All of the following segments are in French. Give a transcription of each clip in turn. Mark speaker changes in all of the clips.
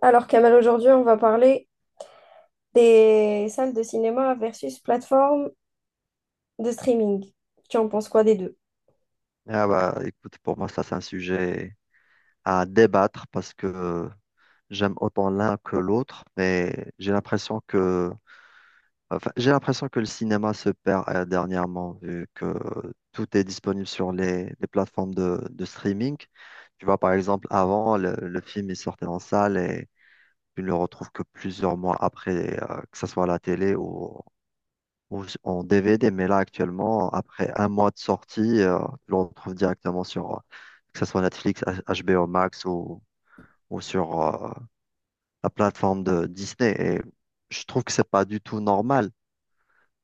Speaker 1: Alors, Kamal, aujourd'hui, on va parler des salles de cinéma versus plateformes de streaming. Tu en penses quoi des deux?
Speaker 2: Ah bah, écoute, pour moi, ça, c'est un sujet à débattre parce que j'aime autant l'un que l'autre, mais j'ai l'impression que, enfin, j'ai l'impression que le cinéma se perd dernièrement, vu que tout est disponible sur les plateformes de streaming. Tu vois, par exemple, avant, le film est sorti en salle et tu ne le retrouves que plusieurs mois après, que ce soit à la télé ou en DVD, mais là actuellement, après un mois de sortie, tu le retrouves directement sur, que ce soit Netflix, HBO Max ou sur la plateforme de Disney. Et je trouve que c'est pas du tout normal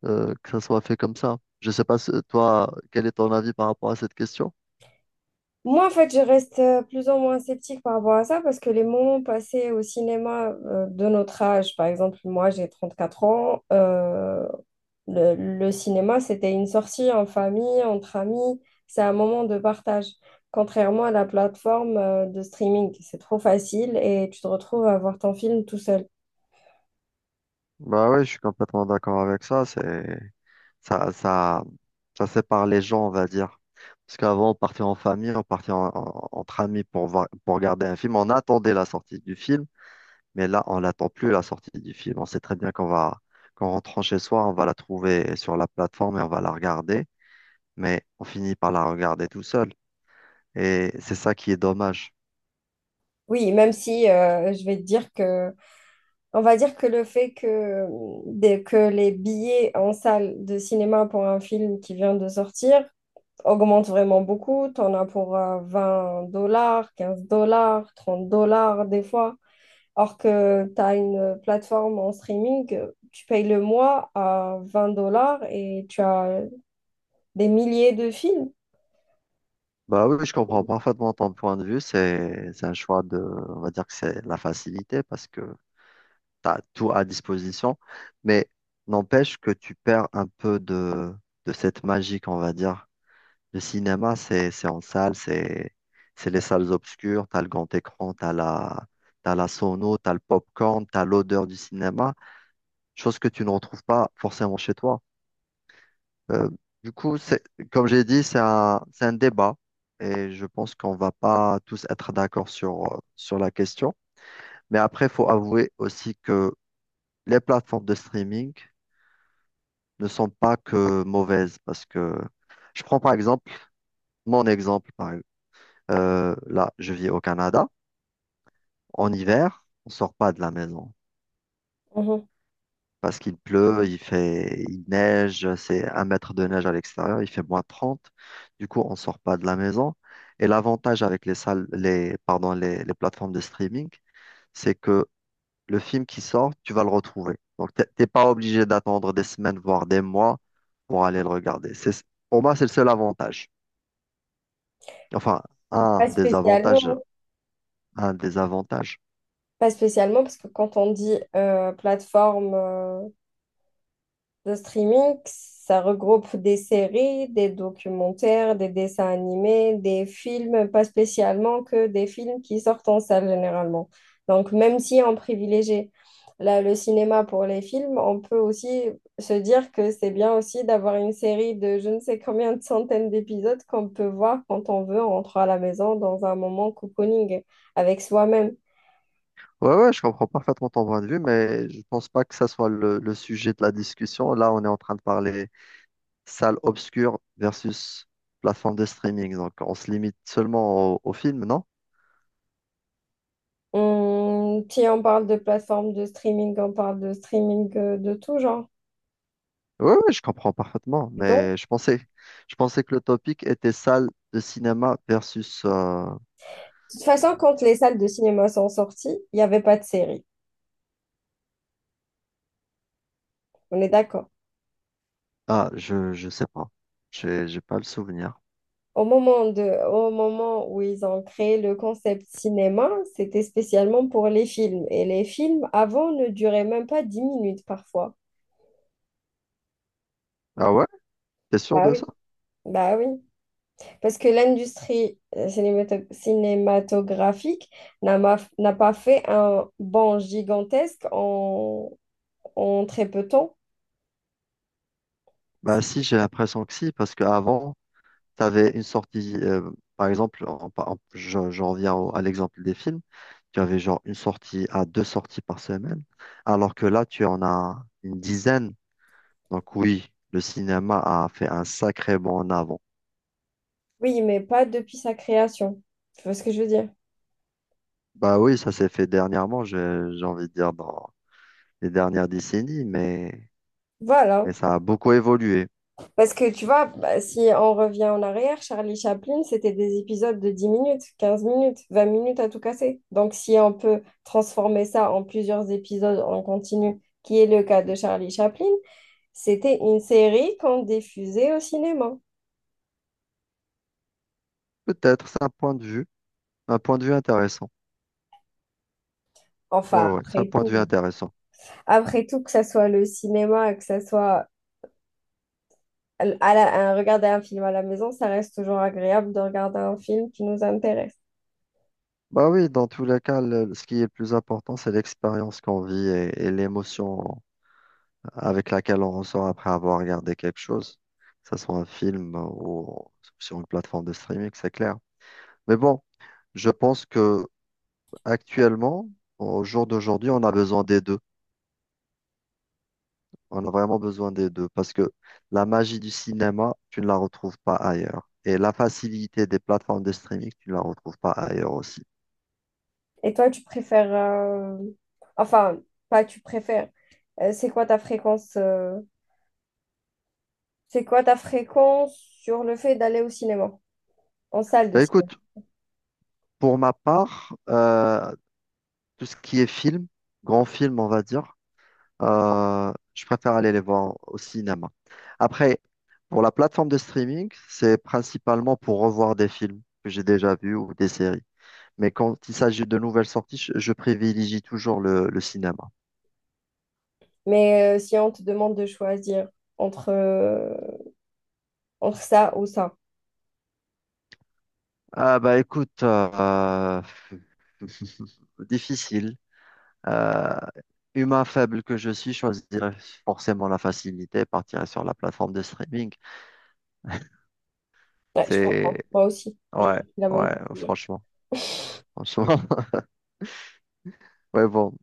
Speaker 2: que ça soit fait comme ça. Je sais pas, toi, quel est ton avis par rapport à cette question?
Speaker 1: Moi, en fait, je reste plus ou moins sceptique par rapport à ça parce que les moments passés au cinéma de notre âge, par exemple, moi, j'ai 34 ans, Le cinéma, c'était une sortie en famille, entre amis. C'est un moment de partage. Contrairement à la plateforme de streaming, c'est trop facile et tu te retrouves à voir ton film tout seul.
Speaker 2: Bah oui, je suis complètement d'accord avec ça. C'est ça, ça, ça sépare les gens, on va dire. Parce qu'avant, on partait en famille, on partait entre amis pour voir, pour regarder un film. On attendait la sortie du film, mais là, on l'attend plus la sortie du film. On sait très bien qu'on va, qu'en rentrant chez soi, on va la trouver sur la plateforme et on va la regarder, mais on finit par la regarder tout seul. Et c'est ça qui est dommage.
Speaker 1: Oui, même si je vais te dire que, on va dire que le fait que, que les billets en salle de cinéma pour un film qui vient de sortir augmentent vraiment beaucoup. Tu en as pour 20 dollars, 15 dollars, 30 dollars des fois. Alors que tu as une plateforme en streaming, tu payes le mois à 20 dollars et tu as des milliers de films.
Speaker 2: Bah oui, je comprends parfaitement ton point de vue. C'est un choix de, on va dire que c'est la facilité parce que tu as tout à disposition, mais n'empêche que tu perds un peu de cette magie, qu'on va dire. Le cinéma, c'est en salle, c'est les salles obscures, tu as le grand écran, tu as la, t'as la sono, tu as le popcorn, tu as l'odeur du cinéma, chose que tu ne retrouves pas forcément chez toi. Euh, du coup, c'est, comme j'ai dit, c'est un débat. Et je pense qu'on va pas tous être d'accord sur, sur la question. Mais après, il faut avouer aussi que les plateformes de streaming, ne sont pas que mauvaises parce que je prends par exemple mon exemple. Là, je vis au Canada. En hiver, on sort pas de la maison
Speaker 1: Mhm.
Speaker 2: parce qu'il pleut, il fait, il neige, c'est un mètre de neige à l'extérieur, il fait moins trente. Du coup, on sort pas de la maison. Et l'avantage avec les salles, les, pardon, les plateformes de streaming, c'est que le film qui sort, tu vas le retrouver. Donc, t'es pas obligé d'attendre des semaines, voire des mois pour aller le regarder. C'est, pour moi, c'est le seul avantage. Enfin, un
Speaker 1: Pas
Speaker 2: des avantages,
Speaker 1: spécialement.
Speaker 2: un des avantages.
Speaker 1: Pas spécialement, parce que quand on dit plateforme le streaming, ça regroupe des séries, des documentaires, des dessins animés, des films, pas spécialement que des films qui sortent en salle généralement. Donc, même si on privilégie le cinéma pour les films, on peut aussi se dire que c'est bien aussi d'avoir une série de je ne sais combien de centaines d'épisodes qu'on peut voir quand on veut en rentrant à la maison dans un moment cocooning avec soi-même.
Speaker 2: Ouais, ouais, je comprends parfaitement ton point de vue, mais je pense pas que ça soit le sujet de la discussion. Là, on est en train de parler salle obscure versus plateforme de streaming. Donc, on se limite seulement au, au film, non?
Speaker 1: Si on parle de plateforme de streaming, on parle de streaming de tout genre.
Speaker 2: Ouais, ouais, je comprends parfaitement, mais
Speaker 1: Donc,
Speaker 2: je pensais que le topic était salle de cinéma versus,
Speaker 1: toute façon, quand les salles de cinéma sont sorties, il n'y avait pas de série. On est d'accord.
Speaker 2: ah, je sais pas. J'ai pas le souvenir.
Speaker 1: Au moment de, au moment où ils ont créé le concept cinéma, c'était spécialement pour les films. Et les films, avant, ne duraient même pas dix minutes parfois.
Speaker 2: Ah ouais? T'es sûr
Speaker 1: Ah
Speaker 2: de
Speaker 1: oui.
Speaker 2: ça?
Speaker 1: Bah oui. Parce que l'industrie cinématographique n'a pas fait un bond gigantesque en très peu de temps.
Speaker 2: Bah si, j'ai l'impression que si, parce qu'avant, tu avais une sortie, par exemple, je reviens à l'exemple des films, tu avais genre une sortie à deux sorties par semaine, alors que là, tu en as une dizaine. Donc oui, le cinéma a fait un sacré bond en avant.
Speaker 1: Oui, mais pas depuis sa création. Tu vois ce que je veux dire?
Speaker 2: Bah oui, ça s'est fait dernièrement, j'ai envie de dire dans les dernières décennies,
Speaker 1: Voilà.
Speaker 2: mais ça a beaucoup évolué.
Speaker 1: Parce que tu vois, bah, si on revient en arrière, Charlie Chaplin, c'était des épisodes de 10 minutes, 15 minutes, 20 minutes à tout casser. Donc si on peut transformer ça en plusieurs épisodes en continu, qui est le cas de Charlie Chaplin, c'était une série qu'on diffusait au cinéma.
Speaker 2: Peut-être, c'est un point de vue, un point de vue intéressant. Ouais,
Speaker 1: Enfin,
Speaker 2: ouais, c'est un
Speaker 1: après
Speaker 2: point de vue
Speaker 1: tout,
Speaker 2: intéressant.
Speaker 1: après tout, que ça soit le cinéma, que ça soit à regarder un film à la maison, ça reste toujours agréable de regarder un film qui nous intéresse.
Speaker 2: Bah oui, dans tous les cas, ce qui est le plus important, c'est l'expérience qu'on vit et l'émotion avec laquelle on ressort après avoir regardé quelque chose, que ce soit un film ou sur une plateforme de streaming, c'est clair. Mais bon, je pense que actuellement, au jour d'aujourd'hui, on a besoin des deux. On a vraiment besoin des deux parce que la magie du cinéma, tu ne la retrouves pas ailleurs. Et la facilité des plateformes de streaming, tu ne la retrouves pas ailleurs aussi.
Speaker 1: Et toi, tu préfères enfin, pas tu préfères. euh, c'est quoi ta fréquence euh, C'est quoi ta fréquence sur le fait d'aller au cinéma? En salle de
Speaker 2: Bah
Speaker 1: cinéma.
Speaker 2: écoute, pour ma part, tout ce qui est film, grand film, on va dire, je préfère aller les voir au cinéma. Après, pour la plateforme de streaming, c'est principalement pour revoir des films que j'ai déjà vus ou des séries. Mais quand il s'agit de nouvelles sorties, je privilégie toujours le cinéma.
Speaker 1: Mais si on te demande de choisir entre, entre ça ou ça,
Speaker 2: Ah bah écoute, difficile. Euh, humain faible que je suis, je choisirais forcément la facilité, partirais sur la plateforme de streaming.
Speaker 1: ouais, je
Speaker 2: C'est...
Speaker 1: comprends. Moi aussi, j'aurais
Speaker 2: Ouais,
Speaker 1: pris la même
Speaker 2: ouais,
Speaker 1: décision.
Speaker 2: franchement. Franchement. Ouais, bon.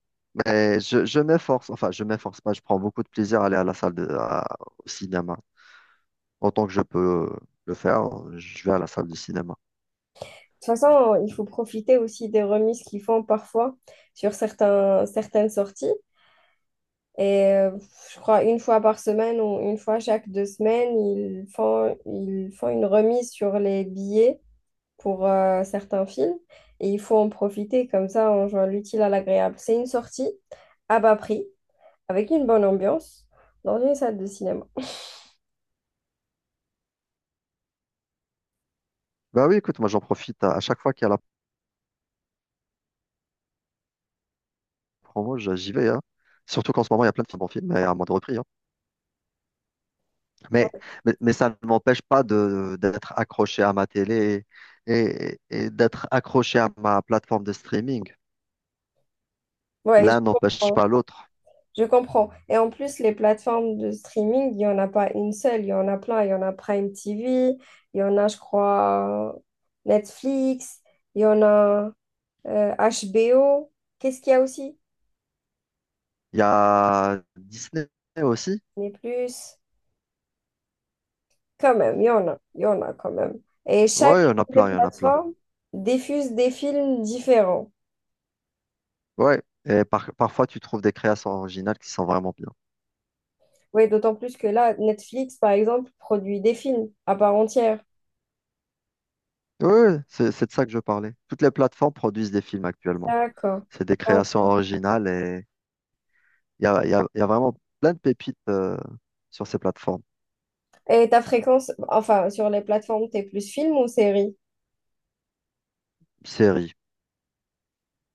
Speaker 2: Et je m'efforce, enfin, je m'efforce pas, je prends beaucoup de plaisir à aller à la salle de, au cinéma. Autant que je peux le faire, je vais à la salle du cinéma.
Speaker 1: Toute façon, il faut profiter aussi des remises qu'ils font parfois sur certaines sorties. Et je crois une fois par semaine ou une fois chaque deux semaines, ils font une remise sur les billets pour certains films. Et il faut en profiter comme ça en jouant l'utile à l'agréable. C'est une sortie à bas prix, avec une bonne ambiance, dans une salle de cinéma.
Speaker 2: Bah oui, écoute, moi j'en profite à chaque fois qu'il y a la promo, j'y vais, hein. Surtout qu'en ce moment, il y a plein de films en film, et à moins de repris, hein. Mais, mais ça ne m'empêche pas de, d'être accroché à ma télé et d'être accroché à ma plateforme de streaming.
Speaker 1: Ouais, je
Speaker 2: L'un n'empêche
Speaker 1: comprends.
Speaker 2: pas l'autre.
Speaker 1: Je comprends. Et en plus, les plateformes de streaming, il n'y en a pas une seule, il y en a plein. Il y en a Prime TV, il y en a, je crois, Netflix, il y en a HBO. Qu'est-ce qu'il y a aussi?
Speaker 2: Il y a Disney aussi.
Speaker 1: Mais plus, quand même, il y en a quand même. Et
Speaker 2: Ouais, il y
Speaker 1: chacune
Speaker 2: en a
Speaker 1: des
Speaker 2: plein, il y en a plein.
Speaker 1: plateformes diffuse des films différents.
Speaker 2: Ouais, et parfois tu trouves des créations originales qui sont vraiment bien.
Speaker 1: Oui, d'autant plus que là, Netflix, par exemple, produit des films à part entière.
Speaker 2: Oui oui, c'est de ça que je parlais. Toutes les plateformes produisent des films actuellement.
Speaker 1: D'accord,
Speaker 2: C'est des créations
Speaker 1: d'accord.
Speaker 2: originales et il y a, il y a vraiment plein de pépites sur ces plateformes.
Speaker 1: Et ta fréquence, enfin, sur les plateformes, t'es plus film ou série?
Speaker 2: Séries.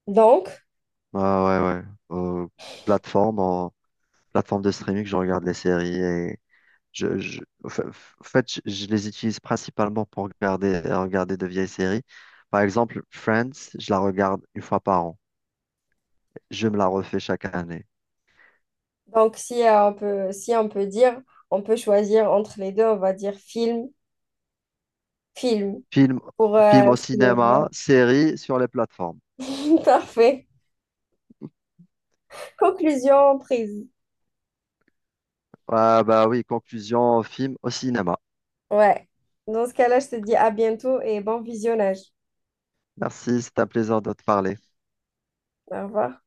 Speaker 1: Donc,
Speaker 2: Ah ouais, ouais. Euh, plateforme, en, plateforme de streaming, je regarde les séries et je, en fait, je les utilise principalement pour regarder, regarder de vieilles séries. Par exemple, Friends, je la regarde une fois par an. Je me la refais chaque année.
Speaker 1: donc si si on peut dire, on peut choisir entre les deux, on va dire film
Speaker 2: Film,
Speaker 1: pour
Speaker 2: film au
Speaker 1: cinéma.
Speaker 2: cinéma, série sur les plateformes.
Speaker 1: Parfait. Conclusion prise.
Speaker 2: Ah bah oui, conclusion, film au cinéma.
Speaker 1: Ouais. Dans ce cas-là, je te dis à bientôt et bon visionnage.
Speaker 2: Merci, c'est un plaisir de te parler.
Speaker 1: Au revoir.